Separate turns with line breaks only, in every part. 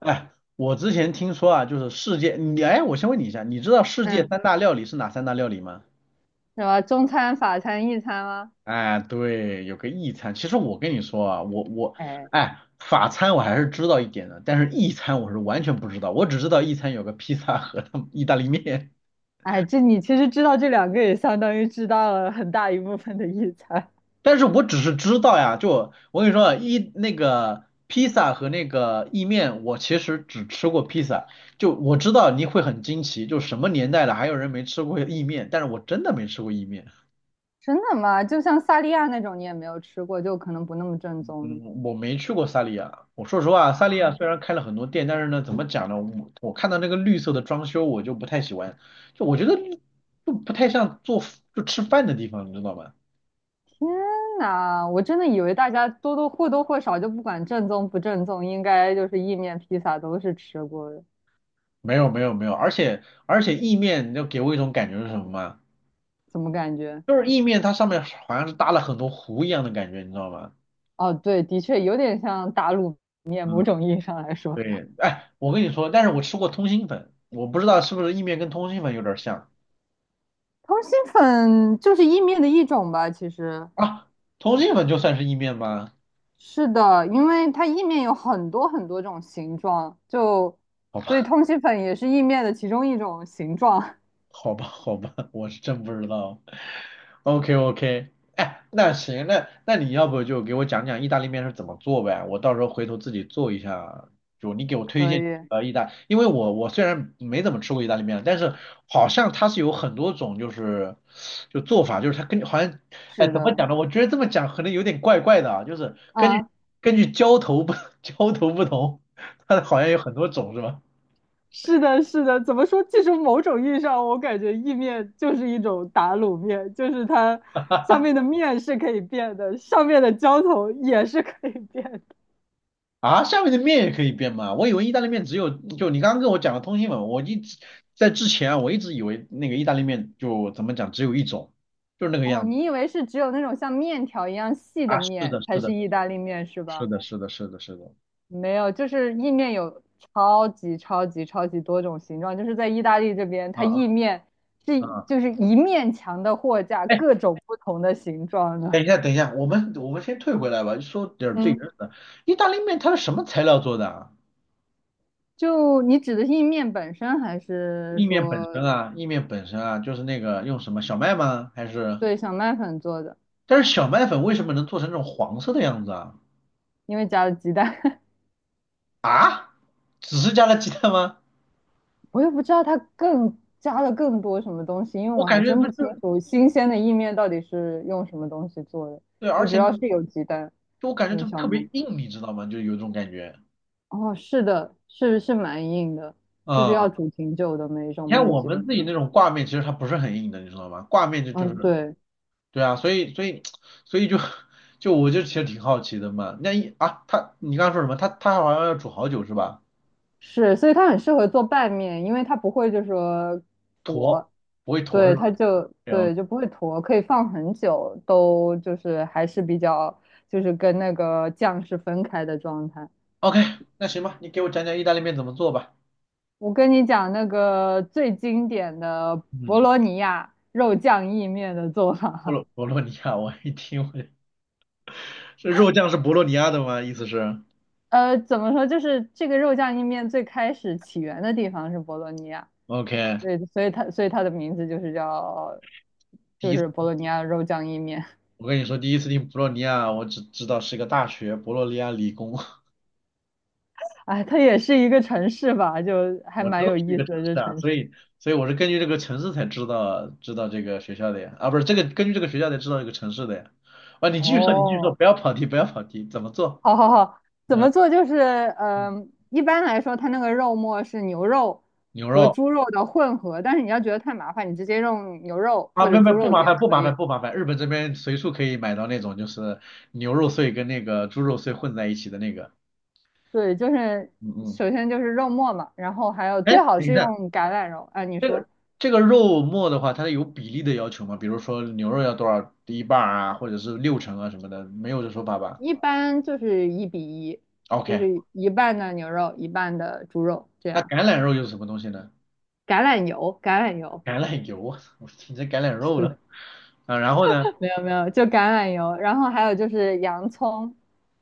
哎，我之前听说啊，就是世界，我先问你一下，你知道世界
嗯，
三大料理是哪三大料理吗？
什么中餐、法餐、意餐吗？
哎，对，有个意餐。其实我跟你说啊，我
哎
哎，法餐我还是知道一点的，但是意餐我是完全不知道，我只知道意餐有个披萨和他们意大利面，
哎，这你其实知道这两个，也相当于知道了很大一部分的意餐。
但是我只是知道呀，就我跟你说啊，那个披萨和那个意面，我其实只吃过披萨，就我知道你会很惊奇，就什么年代了还有人没吃过意面，但是我真的没吃过意面。
真的吗？就像萨莉亚那种，你也没有吃过，就可能不那么正宗的
嗯，我没去过萨利亚。我说实话，萨利亚
啊。
虽然开了很多店，但是呢，怎么讲呢？我看到那个绿色的装修，我就不太喜欢。就我觉得就不太像做就吃饭的地方，你知道吗？
天呐，我真的以为大家多多或多或少就不管正宗不正宗，应该就是意面、披萨都是吃过的。
没有没有没有，而且意面，给我一种感觉是什么吗？
怎么感觉？
就是意面它上面好像是搭了很多糊一样的感觉，你知道吗？
哦，对，的确有点像打卤面，某
嗯，
种意义上来说，
对。哎，我跟你说，但是我吃过通心粉，我不知道是不是意面跟通心粉有点像
通心粉就是意面的一种吧，其实
啊？通心粉就算是意面吗？
是的，因为它意面有很多很多种形状，就
好
所以
吧。
通心粉也是意面的其中一种形状。
好吧，好吧，我是真不知道。OK OK，哎，那行，那你要不就给我讲讲意大利面是怎么做呗？我到时候回头自己做一下。就你给我推
可
荐
以，
意大，因为我虽然没怎么吃过意大利面，但是好像它是有很多种就是做法，就是它根据好像
是
怎么
的，
讲呢？我觉得这么讲可能有点怪怪的啊，就是根据
啊，
浇头不 浇头不同，它好像有很多种是吧？
是的，是的。怎么说？其实某种意义上，我感觉意面就是一种打卤面，就是它下面的面是可以变的，上面的浇头也是可以变的。
啊，下面的面也可以变吗？我以为意大利面只有，就你刚刚跟我讲的通心粉，我一直在之前啊，我一直以为那个意大利面就怎么讲只有一种，就是那个
哦，
样子
你以为是只有那种像面条一样细的
啊。是的，
面才
是
是
的，
意大利面是
是
吧？
的，是的，是的，是的，
没有，就是意面有超级超级超级多种形状，就是在意大利这边，
啊
它
啊
意面是
啊！
就是一面墙的货架，
哎，
各种不同的形状
等
的。
一下，等一下，我们先退回来吧，说点儿最原
嗯，
始的。意大利面它是什么材料做的啊？
就你指的是意面本身，还是
意面本身
说
啊，就是那个用什么小麦吗？还是？
对小麦粉做的？
但是小麦粉为什么能做成这种黄色的样子啊？
因为加了鸡蛋，
啊？只是加了鸡蛋吗？
我也不知道它更加了更多什么东西，因为
我
我还
感觉
真
不
不
就
清楚新鲜的意面到底是用什么东西做的。
对，而
我只
且
要是有鸡蛋，
就我感觉
有
就
小
特别
麦。
硬，你知道吗？就有一种感觉。
哦，是的，是是蛮硬的，就是
嗯，
要煮挺久的每一种
你看
面
我
基
们
本
自己
上。
那种挂面，其实它不是很硬的，你知道吗？挂面就
嗯，
是，
对，
对啊，所以就 就我其实挺好奇的嘛。那一啊，他你刚刚说什么？他好像要煮好久是吧？
是，所以它很适合做拌面，因为它不会就说
坨，
坨，
不会坨
对，
是吧？
它就
然后
对就不会坨，可以放很久，都就是还是比较就是跟那个酱是分开的状态。
OK，那行吧，你给我讲讲意大利面怎么做吧。
我跟你讲那个最经典的博
嗯，
罗尼亚肉酱意面的做法。
博洛尼亚，我一听，这肉酱是博洛尼亚的吗？意思是
怎么说，就是这个肉酱意面最开始起源的地方是博罗尼亚。
OK。
对，所以它所以它的名字就是叫，
第。
就
一。
是博洛尼亚肉酱意面。
我跟你说，第一次听博洛尼亚，我只知道是一个大学，博洛尼亚理工。
哎，它也是一个城市吧，就还
我知
蛮
道
有
是一
意
个
思
城
的这
市啊，
城市。
所以我是根据这个城市才知道这个学校的呀，啊，不是这个根据这个学校才知道这个城市的呀。啊，你继续说，你继续说，
哦，
不要跑题，不要跑题，怎么做？
好好好，怎
嗯，
么做？就是
嗯
一般来说，它那个肉末是牛肉
牛
和
肉
猪肉的混合，但是你要觉得太麻烦，你直接用牛肉
啊，
或者
没没
猪
不
肉
麻
也
烦，不
可
麻烦，
以。
不麻烦，日本这边随处可以买到那种就是牛肉碎跟那个猪肉碎混在一起的那个。
对，就是
嗯嗯，
首先就是肉末嘛，然后还有
哎，
最好
等一
是
下。
用橄榄油。哎、你说。
这个肉末的话，它有比例的要求吗？比如说牛肉要多少一半儿啊，或者是六成啊什么的，没有这说法吧
一般就是一比一，就
？OK，
是一半的牛肉，一半的猪肉，这
那
样。
橄榄肉又是什么东西呢？
橄榄油，橄榄油，
橄榄油，我操，我听成橄榄肉
是
了。
的，
啊，然后呢？
没有没有，就橄榄油，然后还有就是洋葱，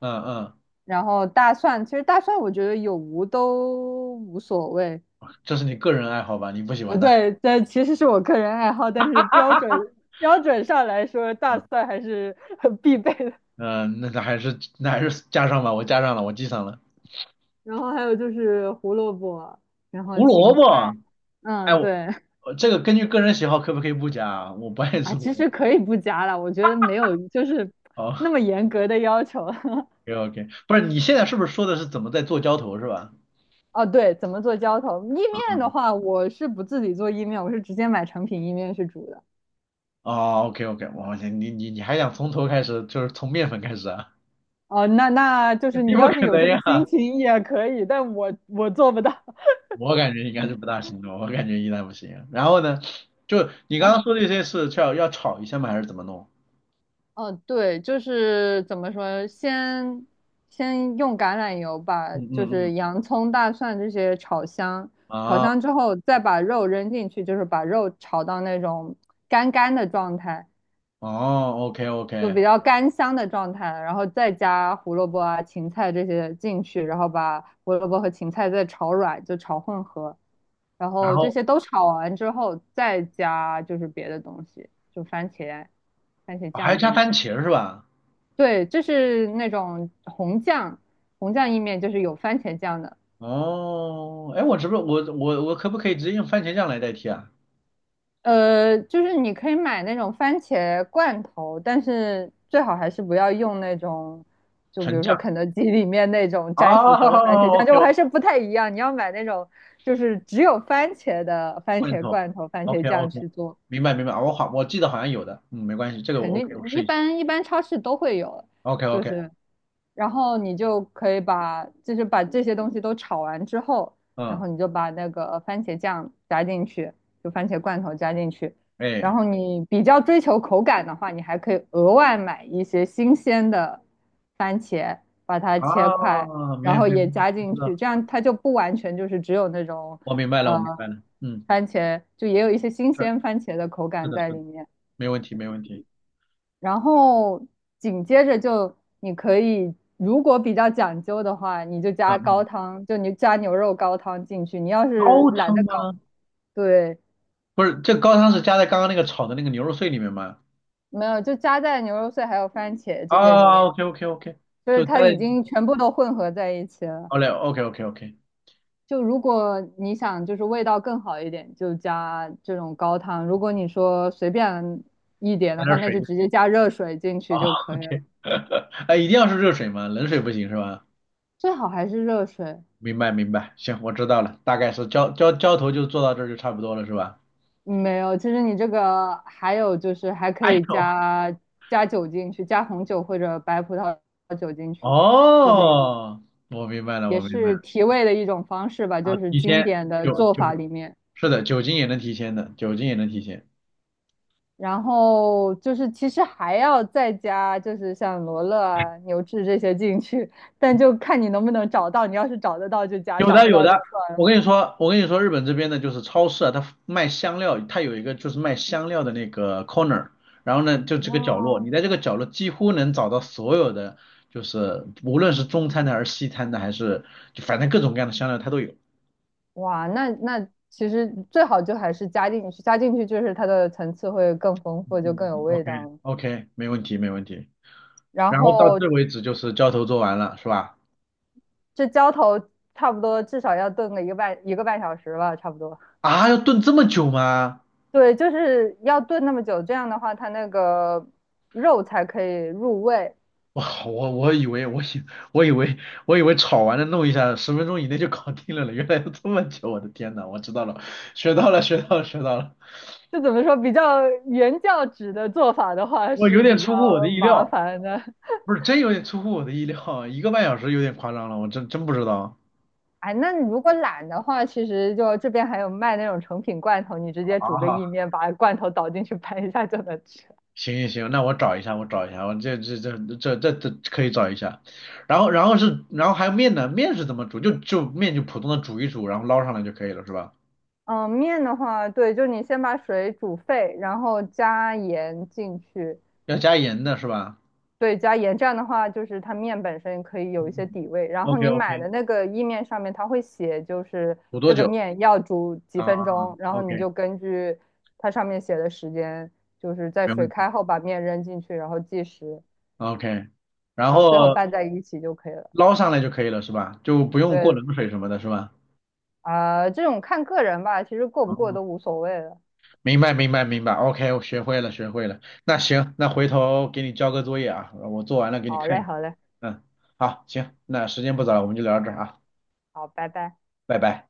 嗯嗯，
然后大蒜。其实大蒜我觉得有无都无所谓。
这是你个人爱好吧？你不喜欢的。
对，这其实是我个人爱好，但是标准标准上来说，大
嗯
蒜还是很必备的。
嗯，那还是还是加上吧，我加上了，我记上了。
然后还有就是胡萝卜，然后
胡萝
芹菜，
卜，哎，
嗯，
我
对，
我这个根据个人喜好可不可以不加啊？我不爱
啊，
吃胡
其
萝卜。
实可以不加了，我觉得没有就是那
好
么严格的要求。
，OK OK，不是你现在是不是说的是怎么在做浇头是吧？
哦，对，怎么做浇头？意面的
嗯
话，我是不自己做意面，我是直接买成品意面去煮的。
哦，OK OK，你还想从头开始，就是从面粉开始啊？
哦，那那就 是
肯定
你
不
要是
可
有
能
这
呀，
个心情也可以，但我做不到。
我感觉应该是
嗯
不大行的，我感觉应该不行。然后呢，就 你
然
刚刚
后，
说这些是要炒一下吗？还是怎么弄？
哦，对，就是怎么说，先先用橄榄油把
嗯
就
嗯
是
嗯，
洋葱、大蒜这些炒香，炒
啊，
香之后再把肉扔进去，就是把肉炒到那种干干的状态。
哦，OK
就
OK，
比较干香的状态，然后再加胡萝卜啊、芹菜这些进去，然后把胡萝卜和芹菜再炒软，就炒混合，然
然
后这
后
些都炒完之后，再加就是别的东西，就番茄、番茄
哦还
酱
加
进
番
去。
茄是吧？
对，这是那种红酱，红酱意面就是有番茄酱的，
哦，哎，我可不可以直接用番茄酱来代替啊？
就是你可以买那种番茄罐头，但是最好还是不要用那种，就比
纯
如说
酱。
肯德基里面那种沾薯条的番茄
哦
酱，
，OK
就我
OK，
还是不太一样。你要买那种就是只有番茄的番
罐
茄
头
罐头、番茄
，OK
酱
OK，
去做。
明白明白，哦我好我记得好像有的，嗯，没关系，这个
肯
我 OK，我
定
试
一
一下。
般一般超市都会有，
OK
就
OK，
是，然后你就可以把就是把这些东西都炒完之后，然
嗯，
后你就把那个番茄酱加进去，就番茄罐头加进去，然
哎，
后你比较追求口感的话，你还可以额外买一些新鲜的番茄，把它切块，
啊，没
然
有
后
没有，
也加
我
进
知道
去，
了，
这样它就不完全就是只有那种
我明白了，我明
呃
白了。嗯，
番茄，就也有一些新
是，
鲜番茄的口
是
感
的，
在
是
里
的，
面。
没问题没问题，
然后紧接着就你可以，如果比较讲究的话，你就
啊
加高
嗯，
汤，就你加牛肉高汤进去。你要是
高
懒
汤
得搞，
吗？
对，
不是，这高汤是加在刚刚那个炒的那个牛肉碎里面吗？
没有，就加在牛肉碎还有番茄这些里
啊
面，
，OK OK OK，
就是
就加
它
在，
已经全部都混合在一起了。
好嘞，OK OK OK，
就如果你想就是味道更好一点，就加这种高汤；如果你说随便一点
加
的话，
点
那
水
就直
就
接加热水进
好
去就可以了。
，OK。哎，一定要是热水吗？冷水不行是吧？
最好还是热水。
明白明白，行，我知道了，大概是浇头就做到这儿就差不多了是吧？
没有，其实你这个还有就是还可
哎
以
呦，
加加酒进去，加红酒或者白葡萄酒进去，就是
哦，我明白了，我
也
明白
是
了。
提味的一种方式吧，
啊，
就是
提前
经典的
酒
做
酒
法里面。
是的，酒精也能提前的，酒精也能提前。
然后就是其实还要再加，就是像罗勒啊、牛至这些进去，但就看你能不能找到。你要是找得到就加，
有
找
的
不
有
到就
的，
算
我
了。
跟你说，我跟你说，日本这边的就是超市啊，它卖香料，它有一个就是卖香料的那个 corner，然后呢，就这个角落，
哦，
你在这个角落几乎能找到所有的，就是无论是中餐的还是西餐的，还是就反正各种各样的香料它都有。
哇，那那其实最好就还是加进去，加进去就是它的层次会更丰
嗯
富，就更
嗯
有
嗯
味
，OK
道。
OK，没问题没问题。
然
然后到
后
这为止就是浇头做完了是吧？
这浇头差不多至少要炖个一个半小时吧，差不多。
啊，要炖这么久吗？
对，就是要炖那么久，这样的话它那个肉才可以入味。
哇，我以为炒完了弄一下，10分钟以内就搞定了呢。原来要这么久，我的天呐，我知道了，学到了，学到了，学到了，
就怎么说，比较原教旨的做法的话
我
是
有点
比较
出乎我的意
麻
料，
烦的。
不是真有点出乎我的意料，1个半小时有点夸张了，我真真不知道
哎，那你如果懒的话，其实就这边还有卖那种成品罐头，你直接煮个意
啊。
面，把罐头倒进去拌一下就能吃。
行行行，那我找一下，我找一下，我这可以找一下。然后还有面呢，面是怎么煮？就面就普通的煮一煮，然后捞上来就可以了，是吧？
嗯，面的话，对，就是你先把水煮沸，然后加盐进去，
要加盐的是吧？
对，加盐这样的话，就是它面本身可以有一
嗯
些
嗯。
底味。然后
OK
你买
OK，
的那个意面上面，它会写就是
煮多
这个
久？
面要煮几
啊？
分钟，然后你
OK，
就根据它上面写的时间，就是在
没
水
问题。
开后把面扔进去，然后计时，
OK，然
然后最后
后
拌在一起就可以了。
捞上来就可以了，是吧？就不用过
对，
冷水什么的，是吧？
啊、这种看个人吧，其实过不过
哦，
都无所谓了。
明白，明白，明白。OK，我学会了，学会了。那行，那回头给你交个作业啊，我做完了给你
好
看一
嘞，
下。
好嘞，
嗯，好，行，那时间不早了，我们就聊到这儿啊，
好，拜拜。
拜拜。